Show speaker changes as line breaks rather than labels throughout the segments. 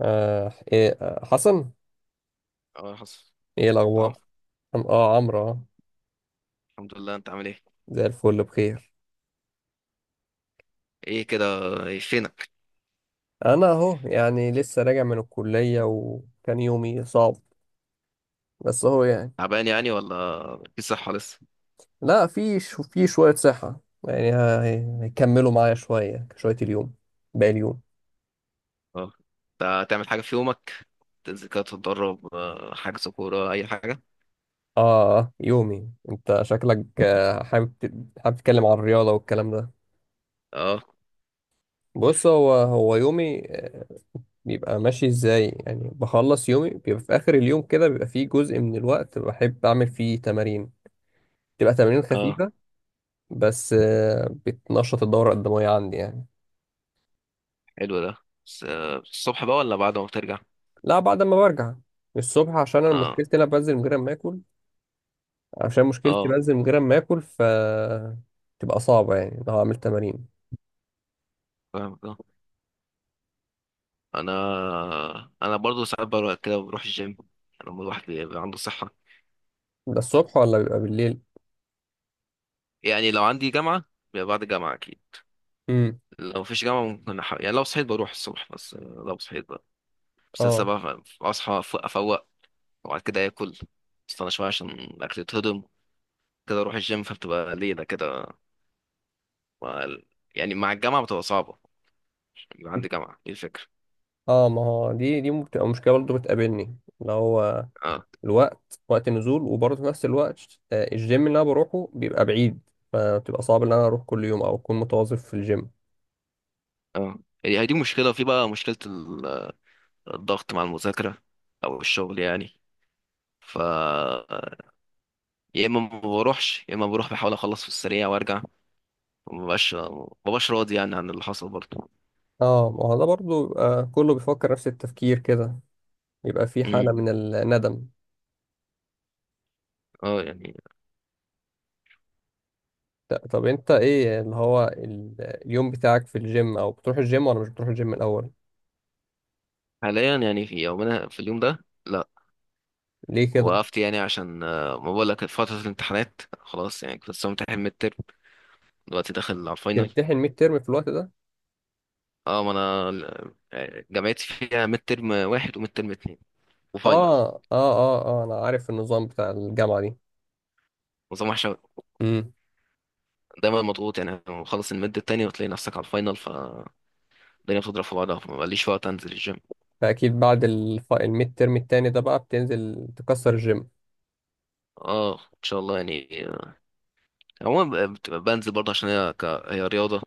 آه إيه آه، حسن.
اه، حصل.
ايه
طعم.
الاخبار؟ عمرو، آه،
الحمد لله، انت عامل ايه؟
زي الفل بخير.
ايه كده؟ ايه فينك؟
انا اهو يعني لسه راجع من الكليه وكان يومي صعب بس اهو يعني.
تعبان يعني ولا في صحة لسه؟
لا في شو في شويه صحه يعني. هيكملوا معايا شويه شويه اليوم، باقي اليوم.
اه. انت هتعمل حاجة في يومك؟ تنزل كده تتدرب، حجز كورة اي حاجة؟
اه يومي، انت شكلك حابب حابب تتكلم عن الرياضه والكلام ده.
اه.
بص هو يومي بيبقى ماشي ازاي، يعني بخلص يومي بيبقى في اخر اليوم كده، بيبقى فيه جزء من الوقت بحب اعمل فيه تمارين، تبقى تمارين
اه،
خفيفة بس بتنشط الدورة الدموية عندي يعني.
حلو ده. بس الصبح بقى ولا بعد ما بترجع؟
لا بعد ما برجع. الصبح عشان انا
اه.
مشكلتي انا بنزل من غير ما اكل. عشان مشكلتي
اه،
بنزل من غير ما اكل، ف تبقى صعبة يعني لو هعمل تمارين.
فاهم ده. انا انا برضو ساعات بروح كده، بروح الجيم لما الواحد بيبقى عنده صحة.
ده الصبح ولا بيبقى بالليل؟
يعني لو عندي جامعة بيبقى بعد الجامعة اكيد.
امم.
لو مفيش جامعة ممكن يعني لو صحيت بروح الصبح، بس لو صحيت. بس لسه
اه.
بقى، اصحى أفوق، وبعد كده اكل، استنى شويه عشان الاكل يتهضم، كده اروح الجيم، فبتبقى ليله كده. مع ال- يعني مع الجامعه بتبقى صعبه، عشان بيبقى عندي جامعه. دي الفكره.
اه ما هو دي بتبقى مشكلة برضه بتقابلني، اللي هو
اه.
الوقت، وقت النزول، وبرضه في نفس الوقت الجيم اللي انا بروحه بيبقى بعيد، فبتبقى صعب ان انا اروح كل يوم او اكون متواظب في الجيم.
اه، هي دي مشكله، وفي بقى مشكله الضغط مع المذاكره او الشغل يعني. ف يا اما ما بروحش، يا اما بروح بحاول اخلص في السريع وارجع. مبقاش مبقاش راضي يعني عن اللي حصل برضه.
اه ما هو ده برضه بيبقى كله بيفكر نفس التفكير كده، يبقى في
امم
حالة من الندم.
اه، يعني.
طب انت ايه اللي هو اليوم بتاعك في الجيم، او بتروح الجيم ولا مش بتروح الجيم الاول؟
حاليا يعني في اليوم ده لا.
ليه كده؟
وقفت يعني عشان، ما بقول لك، فترة الامتحانات خلاص، يعني كنت لسه متحل ميد ترم. دلوقتي داخل على الفاينل.
تمتحن ميد ترم في الوقت ده؟
اه، ما انا جامعتي فيها ميد ترم واحد وميد ترم اتنين وفاينل.
اه اه اه اه انا عارف النظام بتاع الجامعة دي.
نظام وحش أوي.
امم.
دايما مضغوط، يعني مخلص الميد التاني وتلاقي نفسك على الفاينل، فالدنيا بتضرب في بعضها، فما بقاليش وقت انزل الجيم.
فاكيد بعد الميد ترم التاني ده بقى بتنزل تكسر الجيم.
اه، ان شاء الله يعني. عموما بنزل برضه، عشان هي هي رياضة،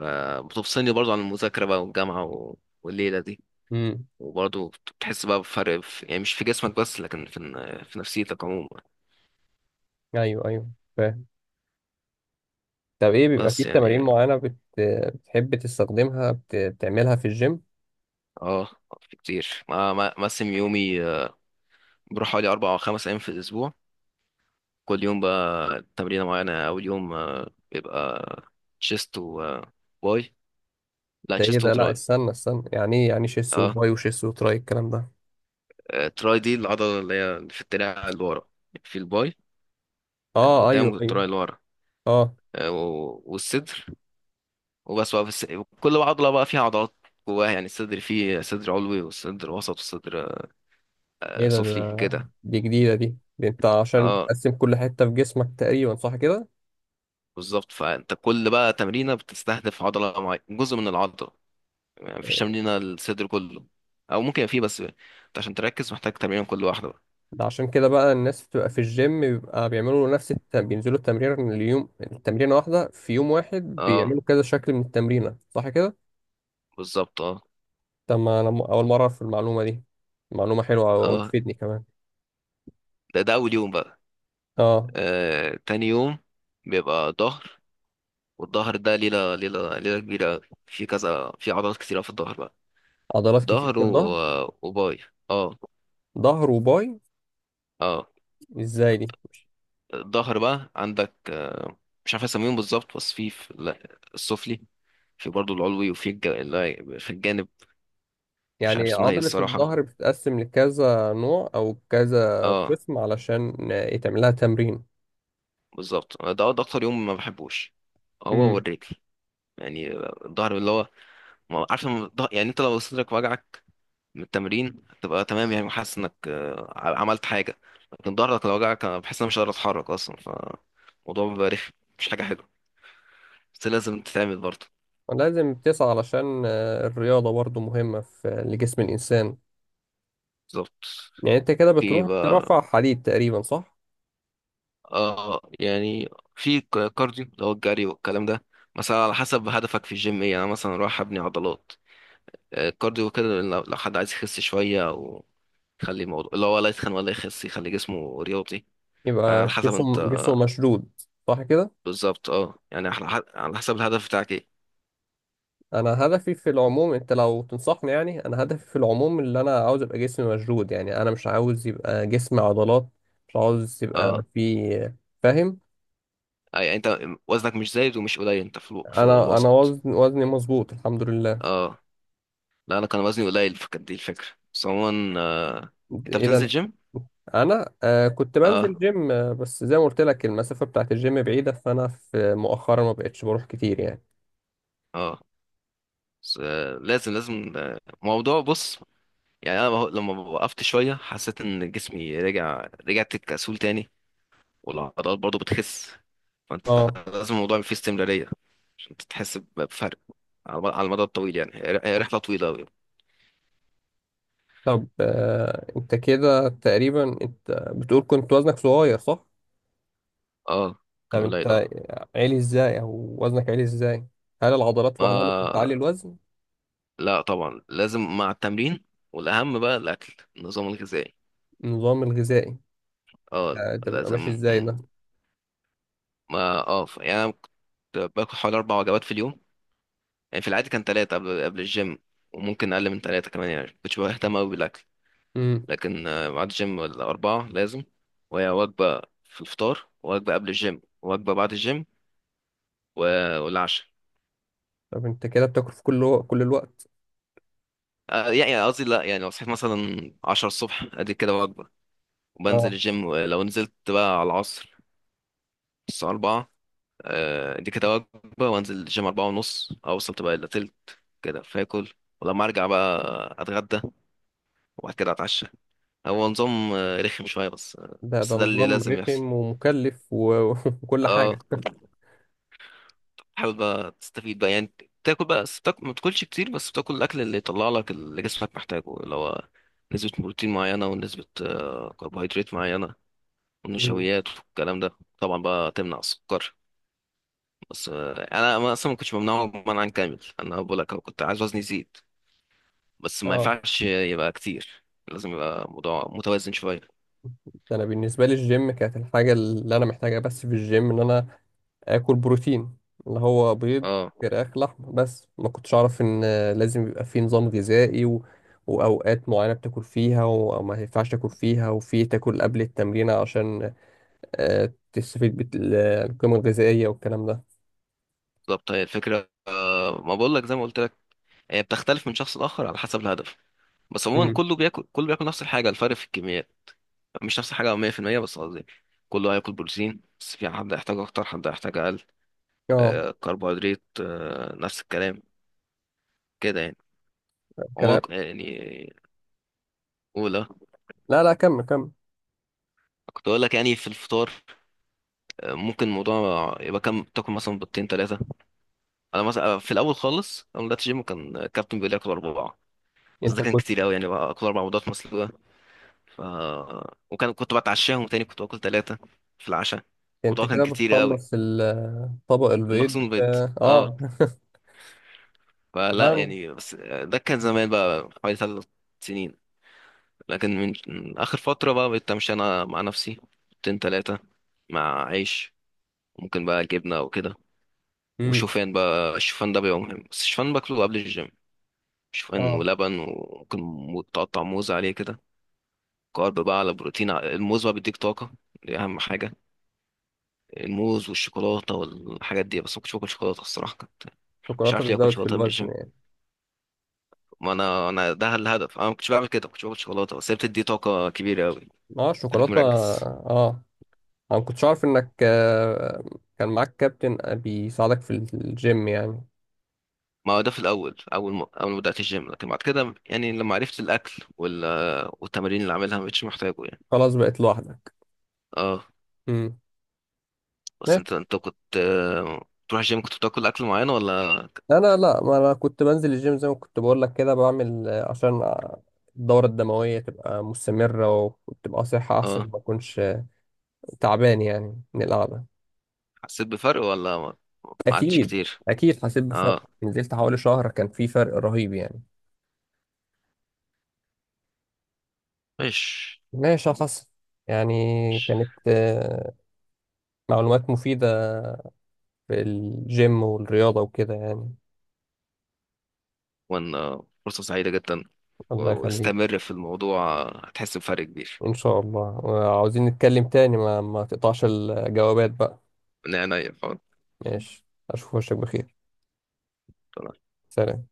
بتفصلني برضه عن المذاكرة بقى والجامعة والليلة دي.
امم.
وبرضه بتحس بقى بفرق، في يعني مش في جسمك بس، لكن في في نفسيتك عموما.
ايوه ايوه، فاهم. طب ايه بيبقى في
بس
تمارين
يعني
معينة بتحب تستخدمها، بتعملها في الجيم؟
اه. في كتير، ما مقسم يومي. بروح حوالي 4 أو 5 أيام في الأسبوع. كل يوم بقى تمرينة معينة. أول يوم بيبقى تشيست و باي. لا،
ده ايه
تشيست
ده، لا
وتراي.
استنى استنى. يعني ايه يعني شيس
اه.
وباي وشيس وتراي الكلام ده؟
تراي دي العضلة اللي هي اللي في الدراع اللي ورا، في الباي اللي
اه
قدام
ايوه ايوه.
والتراي اللي ورا.
اه.
والصدر. وبس بقى في الس... كل عضلة بقى فيها عضلات جواها. يعني الصدر فيه صدر علوي والصدر وسط والصدر
ايه ده،
سفلي
ده
كده.
دي جديدة دي. انت عشان
اه،
بتقسم كل حتة في جسمك تقريبا، صح كده؟
بالظبط. فانت كل بقى تمرينه بتستهدف عضله معينه، جزء من العضله. يعني مفيش تمرينه للصدر كله، او ممكن يبقى فيه، بس انت عشان تركز محتاج تمرين كل واحده بقى.
ده عشان كده بقى الناس بتبقى في الجيم بيبقى بيعملوا نفس بينزلوا التمرين اليوم، التمرينة واحدة في يوم واحد
اه،
بيعملوا كذا شكل من التمرينة، صح كده؟
بالظبط اه.
طب ما انا اول مرة اعرف المعلومة دي، معلومة حلوة
اه،
وتفيدني كمان.
ده اول يوم بقى.
اه.
آه، تاني يوم بيبقى ظهر. والظهر ده ليله ليله ليله كبيره. في كذا، في عضلات كتيره في الظهر بقى.
عضلات كتير
ظهر
في الظهر.
وباي. اه.
ظهر وباي.
اه،
ازاي دي؟
الظهر بقى عندك مش عارف اسميهم بالظبط، بس في لا، السفلي، في برضه العلوي، وفي لا، في الجانب. مش عارف
يعني
اسمها ايه
عضلة
الصراحة.
الظهر بتتقسم لكذا نوع أو كذا
اه،
قسم علشان يتعمل لها تمرين؟
بالظبط. ده اكتر يوم ما بحبوش، هو
امم.
والرجل. يعني الظهر اللي هو، عارف لما يعني انت لو صدرك وجعك من التمرين هتبقى تمام يعني، وحاسس انك عملت حاجة. لكن ظهرك لو وجعك، انا بحس ان انا مش قادر اتحرك اصلا، فالموضوع بيبقى رخم، مش حاجة حلوة. بس لازم تتعمل برضه.
ولازم تسعى علشان الرياضة برضو مهمة في لجسم الإنسان.
بالظبط.
يعني أنت كده
في إيه
بتروح
بقى؟
ترفع حديد تقريبا، صح؟
اه، يعني في كارديو، اللي هو الجري والكلام ده، مثلا على حسب هدفك في الجيم ايه. يعني أنا مثلا رايح ابني عضلات. الكارديو كده لو حد عايز يخس شويه، او يخلي الموضوع اللي هو لا يتخن ولا يخس، يخلي جسمه رياضي. فعلى
يبقى
حسب انت.
جسم جسمه مشدود، صح كده؟
بالظبط اه، يعني على على حسب الهدف بتاعك ايه.
أنا هدفي في العموم، أنت لو تنصحني، يعني أنا هدفي في العموم اللي أنا عاوز أبقى جسمي مشدود، يعني أنا مش عاوز يبقى جسمي عضلات، مش عاوز يبقى
اه،
في. فاهم؟
يعني انت وزنك مش زايد ومش قليل، انت في
أنا
الوسط.
وزني مظبوط الحمد لله.
اه. لا، انا كان وزني قليل، فكانت دي الفكره. بس عموما انت بتنزل
اذا
جيم؟
انا آه كنت
اه.
بنزل جيم بس زي ما قلت لك المسافه بتاعت الجيم بعيده، فانا في مؤخرا ما بقتش بروح كتير يعني.
اه، بس لازم موضوع، بص. يعني انا لما وقفت شويه حسيت ان جسمي رجع، رجعت كسول تاني، والعضلات برضو بتخس. فانت
اه.
لازم الموضوع فيه استمراريه، عشان تحس بفرق على المدى الطويل. يعني هي رحله طويله قوي.
طب آه انت كده تقريبا انت بتقول كنت وزنك صغير، صح؟
اه،
طب
كان
انت
قليل اه.
عالي ازاي او وزنك عالي ازاي؟ هل العضلات لوحدها ممكن
ما
تعلي الوزن؟
لا، طبعا لازم مع التمرين، والاهم بقى الاكل، النظام الغذائي.
النظام الغذائي؟
اه،
ده بيبقى ماشي
لازم.
ازاي ده؟
ما اه، يعني أنا كنت باكل حوالي اربع وجبات في اليوم. يعني في العادي كان ثلاثه، قبل الجيم، وممكن اقل من ثلاثه كمان، يعني كنتش بهتم قوي بالاكل.
امم.
لكن ميعاد الجيم، الأربعة لازم. وهي وجبة في الفطار، وجبة قبل الجيم، وجبة بعد الجيم، والعشاء.
طب انت كده بتاكل في كل الوقت؟
يعني قصدي لا. يعني لو صحيت مثلا 10 الصبح ادي كده وجبة، وبنزل
اه.
الجيم. ولو نزلت بقى على العصر، الساعة 4، ادي كده وجبة، وانزل الجيم 4:30، أوصل تبقى إلا تلت كده فاكل. ولما أرجع بقى أتغدى، وبعد كده أتعشى. هو نظام رخم شوية،
ده ده
بس ده اللي
نظام
لازم يحصل.
رخم ومكلف وكل
اه،
حاجه.
حاول بقى تستفيد بقى، يعني تاكل بقى، بس تاكل ما تاكلش كتير، بس تاكل الاكل اللي يطلع لك، اللي جسمك محتاجه، اللي هو نسبة بروتين معينة، ونسبة كربوهيدرات معينة،
امم.
والنشويات والكلام ده. طبعا بقى تمنع السكر، بس انا اصلا ما كنتش ممنوع منعا كامل، انا بقول لك أهو، كنت عايز وزني يزيد. بس ما
اه.
ينفعش يبقى كتير، لازم يبقى موضوع متوازن شوية.
ده انا بالنسبه لي الجيم كانت الحاجه اللي انا محتاجها، بس في الجيم ان انا اكل بروتين، اللي هو بيض،
اه،
فراخ، لحم. بس ما كنتش اعرف ان لازم يبقى في نظام غذائي و واوقات معينه بتاكل فيها وما ينفعش تاكل فيها، وفي تاكل قبل التمرين عشان تستفيد بالقيمه الغذائيه والكلام ده.
بالظبط. هي الفكرة ما بقول لك، زي ما قلت لك، هي بتختلف من شخص لآخر على حسب الهدف. بس عموما
امم.
كله بياكل نفس الحاجة، الفرق في الكميات. مش نفس الحاجة 100%، بس قصدي كله هياكل بروتين، بس في حد هيحتاج أكتر، حد هيحتاج أقل.
اه.
كربوهيدرات نفس الكلام كده يعني، عموما
كلام.
يعني. أولى،
لا لا، كمل كمل.
كنت أقول لك، يعني في الفطار ممكن الموضوع يبقى كام، تاكل مثلا بيضتين تلاتة. أنا مثلا في الأول خالص، أول ما بدأت جيم، كان الكابتن بيقول لي آكل أربعة. بس ده
انت
كان
كنت
كتير أوي، يعني بقى آكل أربع بيضات مسلوقة. ف... كنت بتعشاهم تاني، كنت باكل تلاتة في العشاء.
انت
الموضوع كان
كده
كتير أوي،
بتخلص طبق البيض.
المخزون بيض.
اه
اه،
آه.
فلا
لا.
يعني، بس. ده كان زمان بقى، حوالي 3 سنين. لكن من آخر فترة بقى، بقيت أمشي أنا مع نفسي، حطين تلاتة، مع عيش، ممكن بقى جبنة وكده،
امم.
وشوفان بقى. الشوفان ده بيبقى مهم، بس الشوفان باكله قبل الجيم. شوفان
اه.
ولبن، وممكن تقطع موز عليه كده، كارب بقى على بروتين. الموز بقى بيديك طاقة، دي أهم حاجة. الموز والشوكولاتة والحاجات دي، بس ما كنتش باكل شوكولاتة الصراحة. كنت مش
الشوكولاته
عارف ليه آكل
بتزود في
شوكولاتة قبل
الوزن
الجيم،
يعني؟
ما انا ده الهدف. انا ما كنتش بعمل كده، ما كنتش باكل شوكولاته، بس هي بتدي طاقه كبيره قوي،
اه
خليك
الشوكولاته
مركز.
اه. انا ما كنتش عارف انك كان معاك كابتن بيساعدك في الجيم يعني.
ما هو ده في الاول، اول ما بدات الجيم، لكن بعد كده يعني لما عرفت الاكل والتمارين اللي عاملها، ما بقتش محتاجه يعني.
خلاص بقيت لوحدك.
اه.
امم.
بس
ماشي.
انت كنت تروح الجيم كنت بتاكل اكل معين ولا؟
انا لا، ما انا كنت بنزل الجيم زي ما كنت بقول لك كده، بعمل عشان الدورة الدموية تبقى مستمرة، وتبقى صحة
اه،
أحسن ما أكونش تعبان يعني من القعدة.
حسيت بفرق ولا ما ما عادش
أكيد.
كتير؟
أكيد حسيت بفرق،
اه.
نزلت حوالي شهر كان في فرق رهيب يعني.
مش
ماشي يا حسن. يعني
مش.
كانت معلومات مفيدة في الجيم والرياضة وكده يعني.
وان فرصه سعيده جدا،
الله يخليك.
واستمر في الموضوع. هتحس بفرق كبير.
إن شاء الله، وعاوزين نتكلم تاني، ما ما تقطعش الجوابات بقى.
من عينيا.
ماشي. أشوف وشك بخير.
خلاص.
سلام.